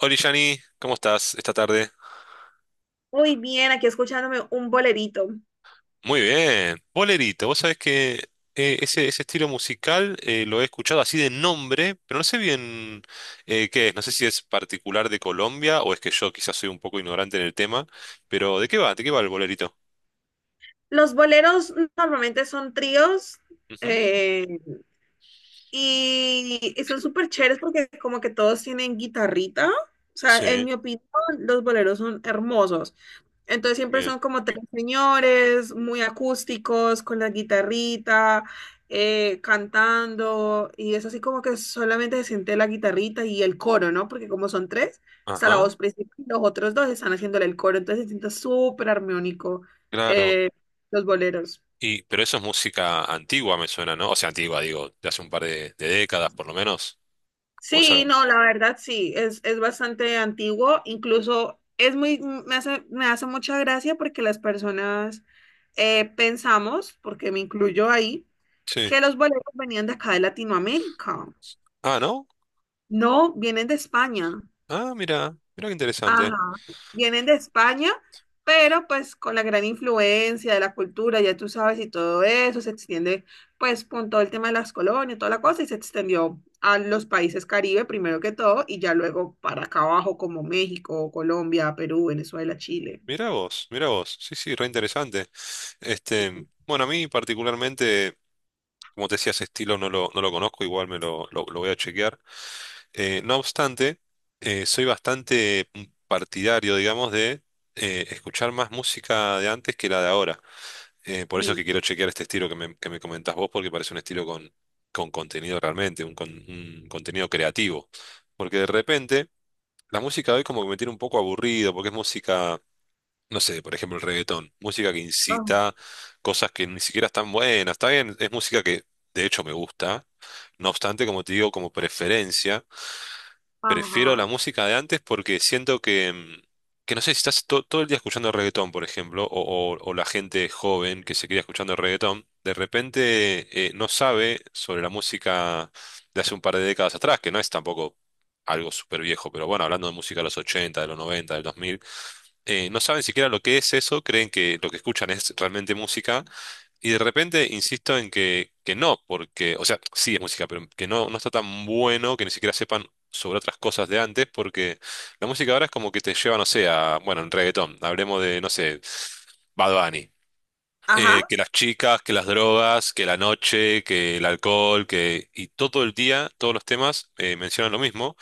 Hola, Yani, ¿cómo estás esta tarde? Muy bien, aquí escuchándome un bolerito. Muy bien, bolerito. Vos sabés que ese estilo musical lo he escuchado así de nombre, pero no sé bien qué es. No sé si es particular de Colombia o es que yo quizás soy un poco ignorante en el tema, pero ¿de qué va? ¿De qué va el bolerito? Los boleros normalmente son tríos, Ujú. eh, y son súper chéveres porque como que todos tienen guitarrita. O sea, en Sí, mi opinión, los boleros son hermosos. Entonces siempre bien. son como tres señores muy acústicos, con la guitarrita, cantando, y es así como que solamente se siente la guitarrita y el coro, ¿no? Porque como son tres, está la Ajá, voz principal y los otros dos están haciéndole el coro, entonces se siente súper armónico, claro. eh, los boleros. Y, pero eso es música antigua, me suena, ¿no? O sea, antigua, digo, de hace un par de décadas por lo menos. O sea, Sí, no, la verdad sí, es bastante antiguo, incluso es muy, me hace mucha gracia porque las personas, pensamos, porque me incluyo ahí, sí. que los boleros venían de acá de Latinoamérica. Ah, ¿no? No, vienen de España. Ah, mira, mira qué interesante. Ajá, vienen de España, pero pues con la gran influencia de la cultura, ya tú sabes, y todo eso se extiende pues con todo el tema de las colonias, toda la cosa, y se extendió a los países Caribe primero que todo, y ya luego para acá abajo como México, Colombia, Perú, Venezuela, Chile. Mirá vos, mirá vos. Sí, sí, re interesante. Este, bueno, a mí particularmente, como te decía, ese estilo no lo conozco, igual lo voy a chequear. No obstante, soy bastante partidario, digamos, de escuchar más música de antes que la de ahora. Por eso es Sí. que quiero chequear este estilo que me comentás vos, porque parece un estilo con contenido realmente, un contenido creativo. Porque de repente, la música de hoy como que me tiene un poco aburrido, porque es música no sé, por ejemplo, el reggaetón, música que Ah. incita cosas que ni siquiera están buenas, está bien, es música que de hecho me gusta, no obstante, como te digo, como preferencia, prefiero Ajá, la música de antes porque siento que, que no sé, si estás todo el día escuchando reggaetón, por ejemplo, o, o la gente joven que se queda escuchando reggaetón, de repente no sabe sobre la música de hace un par de décadas atrás, que no es tampoco... Algo súper viejo, pero bueno, hablando de música de los 80 de los 90 del 2000 no saben siquiera lo que es eso, creen que lo que escuchan es realmente música, y de repente insisto en que no, porque, o sea, sí es música, pero que no, no está tan bueno que ni siquiera sepan sobre otras cosas de antes, porque la música ahora es como que te lleva, no sé, a, bueno, en reggaetón, hablemos de, no sé, Bad Bunny. Ajá, Que las chicas, que las drogas, que la noche, que el alcohol, que... Y todo el día, todos los temas mencionan lo mismo.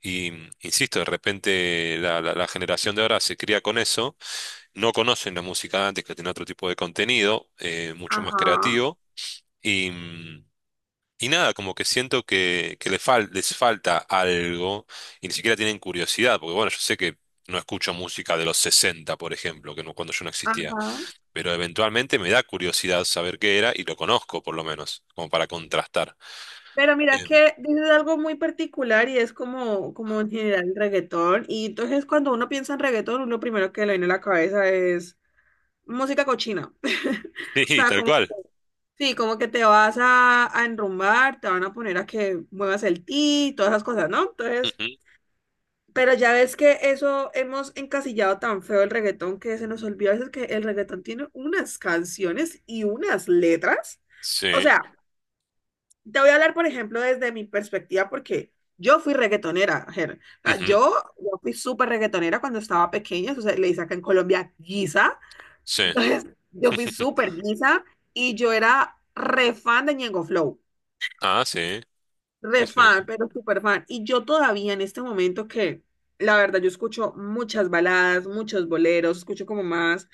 Y insisto, de repente la generación de ahora se cría con eso, no conocen la música de antes que tenía otro tipo de contenido, mucho más ajá, creativo, y, y nada, como que siento que les falta algo y ni siquiera tienen curiosidad, porque bueno, yo sé que no escucho música de los 60, por ejemplo, que no, cuando yo no existía, ajá. pero eventualmente me da curiosidad saber qué era y lo conozco por lo menos, como para contrastar. Pero mira Eh, que dices algo muy particular y es como, como en general el reggaetón. Y entonces cuando uno piensa en reggaetón, uno primero que le viene a la cabeza es música cochina. O sí, sea, tal como, cual. sí, como que te vas a enrumbar, te van a poner a que muevas el ti, todas esas cosas, ¿no? Entonces, Ujú, pero ya ves que eso hemos encasillado tan feo el reggaetón que se nos olvida a veces que el reggaetón tiene unas canciones y unas letras. O sí, sea, te voy a hablar, por ejemplo, desde mi perspectiva, porque yo fui reggaetonera, Ger. O sea, ujú, yo fui súper reggaetonera cuando estaba pequeña, o sea, le dice acá en Colombia guisa. sí. Entonces, yo fui súper guisa y yo era re fan de Ñengo Flow, Ah, sí, sí, re sí. fan, pero súper fan. Y yo todavía en este momento que, la verdad, yo escucho muchas baladas, muchos boleros, escucho como más,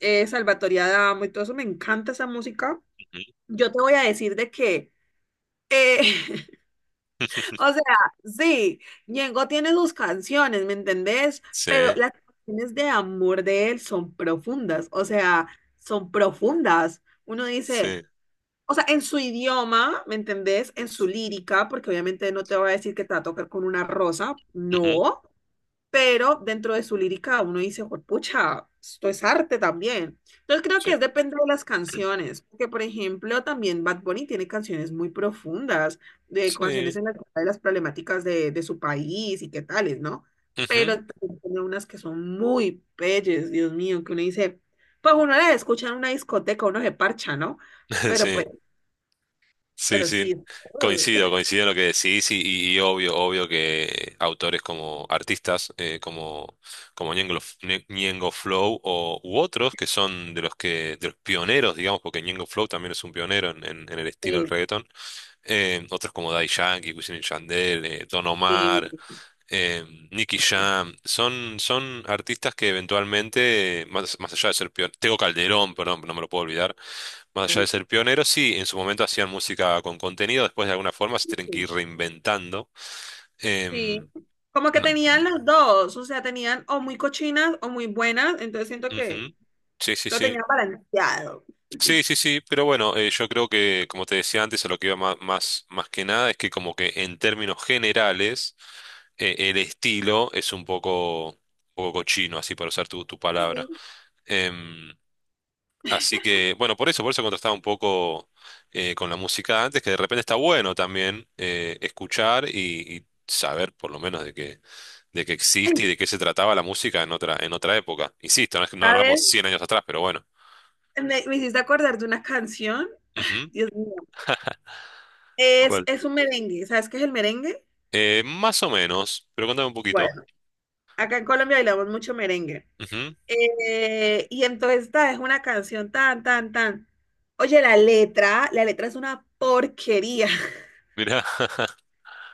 Salvatore Adamo y todo eso, me encanta esa música. Ujú. Yo te voy a decir de que... eh, O sea, sí, Ñengo tiene sus canciones, ¿me entendés? Sí, Pero las canciones de amor de él son profundas, o sea, son profundas. Uno dice, sí. o sea, en su idioma, ¿me entendés? En su lírica, porque obviamente no te va a decir que te va a tocar con una rosa, Ujú, no, pero dentro de su lírica uno dice, pucha, esto es arte también. Entonces creo sí. que es depende de las canciones, porque por ejemplo también Bad Bunny tiene canciones muy profundas, de Sí. canciones en las que habla de las problemáticas de su país y qué tales, ¿no? Pero Ujú, también tiene unas que son muy bellas, Dios mío, que uno dice, pues uno las escucha en una discoteca, uno se parcha, ¿no? Pero pues, sí, sí, pero sí. sí, Coincido, coincido en lo que decís y, y obvio, obvio que autores como artistas como, como Ñengo, Ñengo Flow o, u otros que son de los pioneros, digamos, porque Ñengo Flow también es un pionero en, en el estilo del sí, reggaetón. Otros como Daddy Yankee, Wisin y Yandel, Don Omar, eh, Nicky sí, Jam, son, son artistas que eventualmente, más, más allá de ser pioneros, Tego Calderón, perdón, no me lo puedo olvidar, más allá de ser pioneros, sí, en su momento hacían música con contenido, después de alguna forma se tienen que ir sí. reinventando. Sí, Em, como que no- tenían las dos, o sea, tenían o muy cochinas o muy buenas, entonces siento que ujú. Sí, sí, lo sí. tenían balanceado. Sí, sí, sí, pero bueno, yo creo que, como te decía antes, a lo que iba que nada es que como que en términos generales el estilo es un poco cochino, así para usar tu, tu palabra. Sí. Em, Así que, bueno, por eso contrastaba un poco con la música antes, que de repente está bueno también escuchar y saber por lo menos de que existe Ay, y de qué se trataba la música en otra época. Insisto, no, es que no hablamos ¿sabes? 100 años atrás, pero bueno. Me hiciste acordar de una canción, Ujú. Dios mío, ¿Cuál? es un merengue, ¿sabes qué es el merengue? Más o menos, pero contame un poquito. Bueno, acá en Colombia bailamos mucho merengue. Ujú, Y entonces esta es una canción tan, tan, tan. Oye, la letra es una porquería. mirá,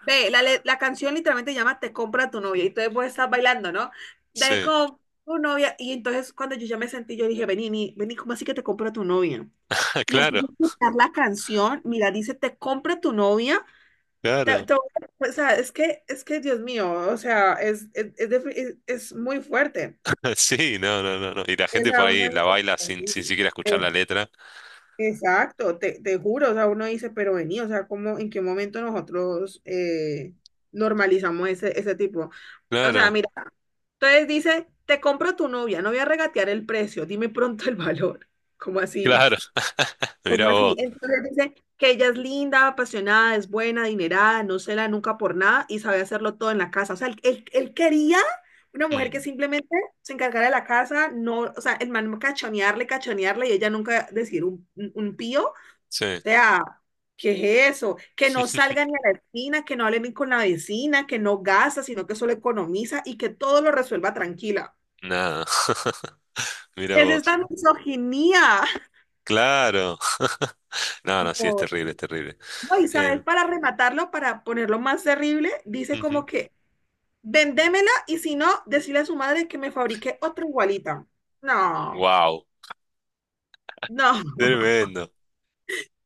Ve, la, le- la canción literalmente llama Te compra tu novia y entonces vos estás bailando, ¿no? Te sí, compra tu novia y entonces cuando yo ya me sentí, yo dije, vení, vení, vení, ¿cómo así que te compra tu novia? Y claro, empiezo a escuchar la canción, mira, dice, te compra tu novia. Te- claro. te- o sea, es que, Dios mío, o sea, es, defi- es muy fuerte. Sí, no, no, no, no. Y la Es gente a por uno ahí la baila de sin, mis... sin siquiera escuchar la letra. Exacto, te juro, o sea, uno dice, pero vení, o sea, ¿cómo, en qué momento nosotros normalizamos ese, ese tipo? O sea, Claro, mira, entonces dice, te compro tu novia, no voy a regatear el precio, dime pronto el valor. ¿Cómo así? claro. Mirá ¿Cómo así? vos. Entonces dice que ella es linda, apasionada, es buena, adinerada, no se la nunca por nada y sabe hacerlo todo en la casa. O sea, él- él quería una mujer que Mm, simplemente se encargara de la casa, no, o sea, el man cachonearle, cachonearle y ella nunca decir un pío sí, sea, ¿qué es eso? Que no salga ni a la esquina, que no hable ni con la vecina, que no gasta, sino que solo economiza y que todo lo resuelva tranquila. nada. Mirá ¿Qué Es vos. esta misoginia. Claro. No, no, sí, es No, terrible, es terrible. no, y sabes, Eh, para rematarlo, para ponerlo más terrible, dice como que vendémela y si no, decirle a su madre que me fabrique otra igualita. No, Wow, no. tremendo.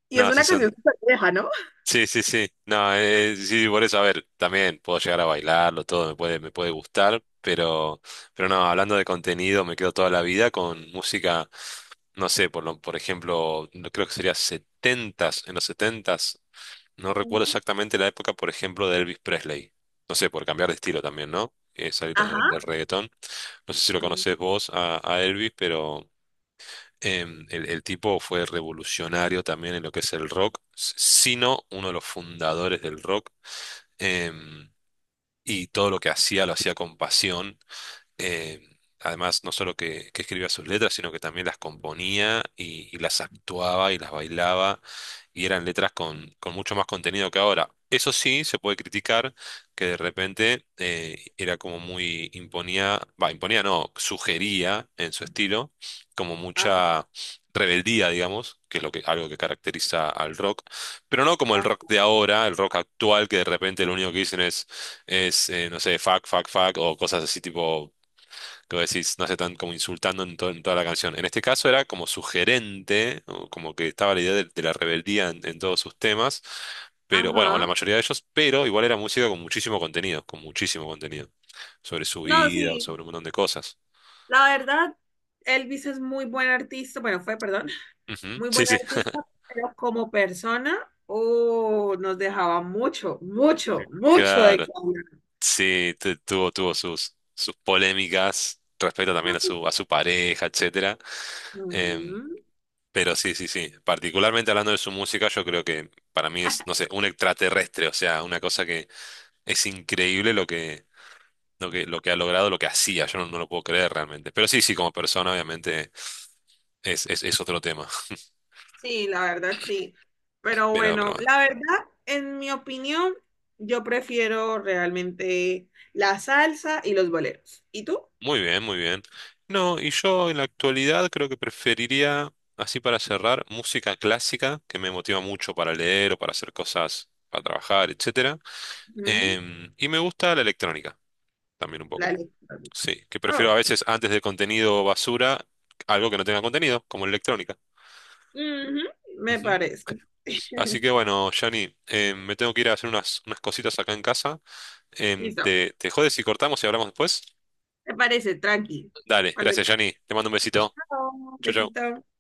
Y es No, sí una canción son. súper vieja, ¿no? Sí, sí, sí. No, sí, por eso, a ver, también puedo llegar a bailarlo, todo me puede gustar, pero no, hablando de contenido, me quedo toda la vida con música, no sé, por lo, por ejemplo, creo que sería setentas, en los setentas, no recuerdo Mm. exactamente la época, por ejemplo, de Elvis Presley. No sé, por cambiar de estilo también, ¿no? Salir del Ajá. reggaetón. No sé si lo Mm. conoces vos a Elvis, pero. El tipo fue revolucionario también en lo que es el rock, sino uno de los fundadores del rock. em, y todo lo que hacía lo hacía con pasión eh, además, no solo que escribía sus letras, sino que también las componía y las actuaba y las bailaba, y eran letras con mucho más contenido que ahora. Eso sí, se puede criticar que de repente era como muy imponía, va, imponía no, sugería en su estilo como Ajá, mucha rebeldía, digamos, que es lo que, algo que caracteriza al rock, pero no como el ajá. rock de ahora, el rock actual, que de repente lo único que dicen es, no sé, fuck, fuck, fuck, o cosas así tipo que vos decís, no se están como insultando en, en toda la canción. En este caso era como sugerente, o como que estaba la idea de la rebeldía en todos sus temas, pero bueno, o en la Ajá. mayoría de ellos, pero igual era música con muchísimo contenido, sobre su No, vida o sí. sobre un montón de cosas. La verdad, Elvis es muy buen artista, bueno, fue, perdón, Ujú, muy buen sí, sí. artista, pero como persona, oh, nos dejaba mucho, mucho, mucho de Claro, qué hablar. sí, tuvo, tuvo sus, sus polémicas respecto también a su pareja, etcétera. Em, Mm. pero sí, sí, sí. Particularmente hablando de su música, yo creo que para mí es, no sé, un extraterrestre, o sea, una cosa. Es increíble lo que, lo que, lo que ha logrado, lo que hacía. Yo no, no lo puedo creer realmente. Pero sí, sí, como persona, obviamente, es otro tema. Sí, la verdad, sí. Pero pero bueno, bueno. la verdad, en mi opinión, yo prefiero realmente la salsa y los boleros. ¿Y tú? Muy bien, muy bien. No, y yo en la actualidad creo que preferiría, así para cerrar, música clásica, que me motiva mucho para leer o para hacer cosas, para trabajar, etcétera. Mm, Y me gusta la electrónica, también un la poco. electrónica. Sí, que prefiero a Oh, veces antes de contenido basura, algo que no tenga contenido, como electrónica. ujú, me parece. Así que bueno, Jani, me tengo que ir a hacer unas, unas cositas acá en casa. Listo. ¿Te, te jodes si cortamos y hablamos después? Me parece, tranqui. Dale, Cuando gracias, Jani. Te mando un besito. Chao, Chau, chau. besito.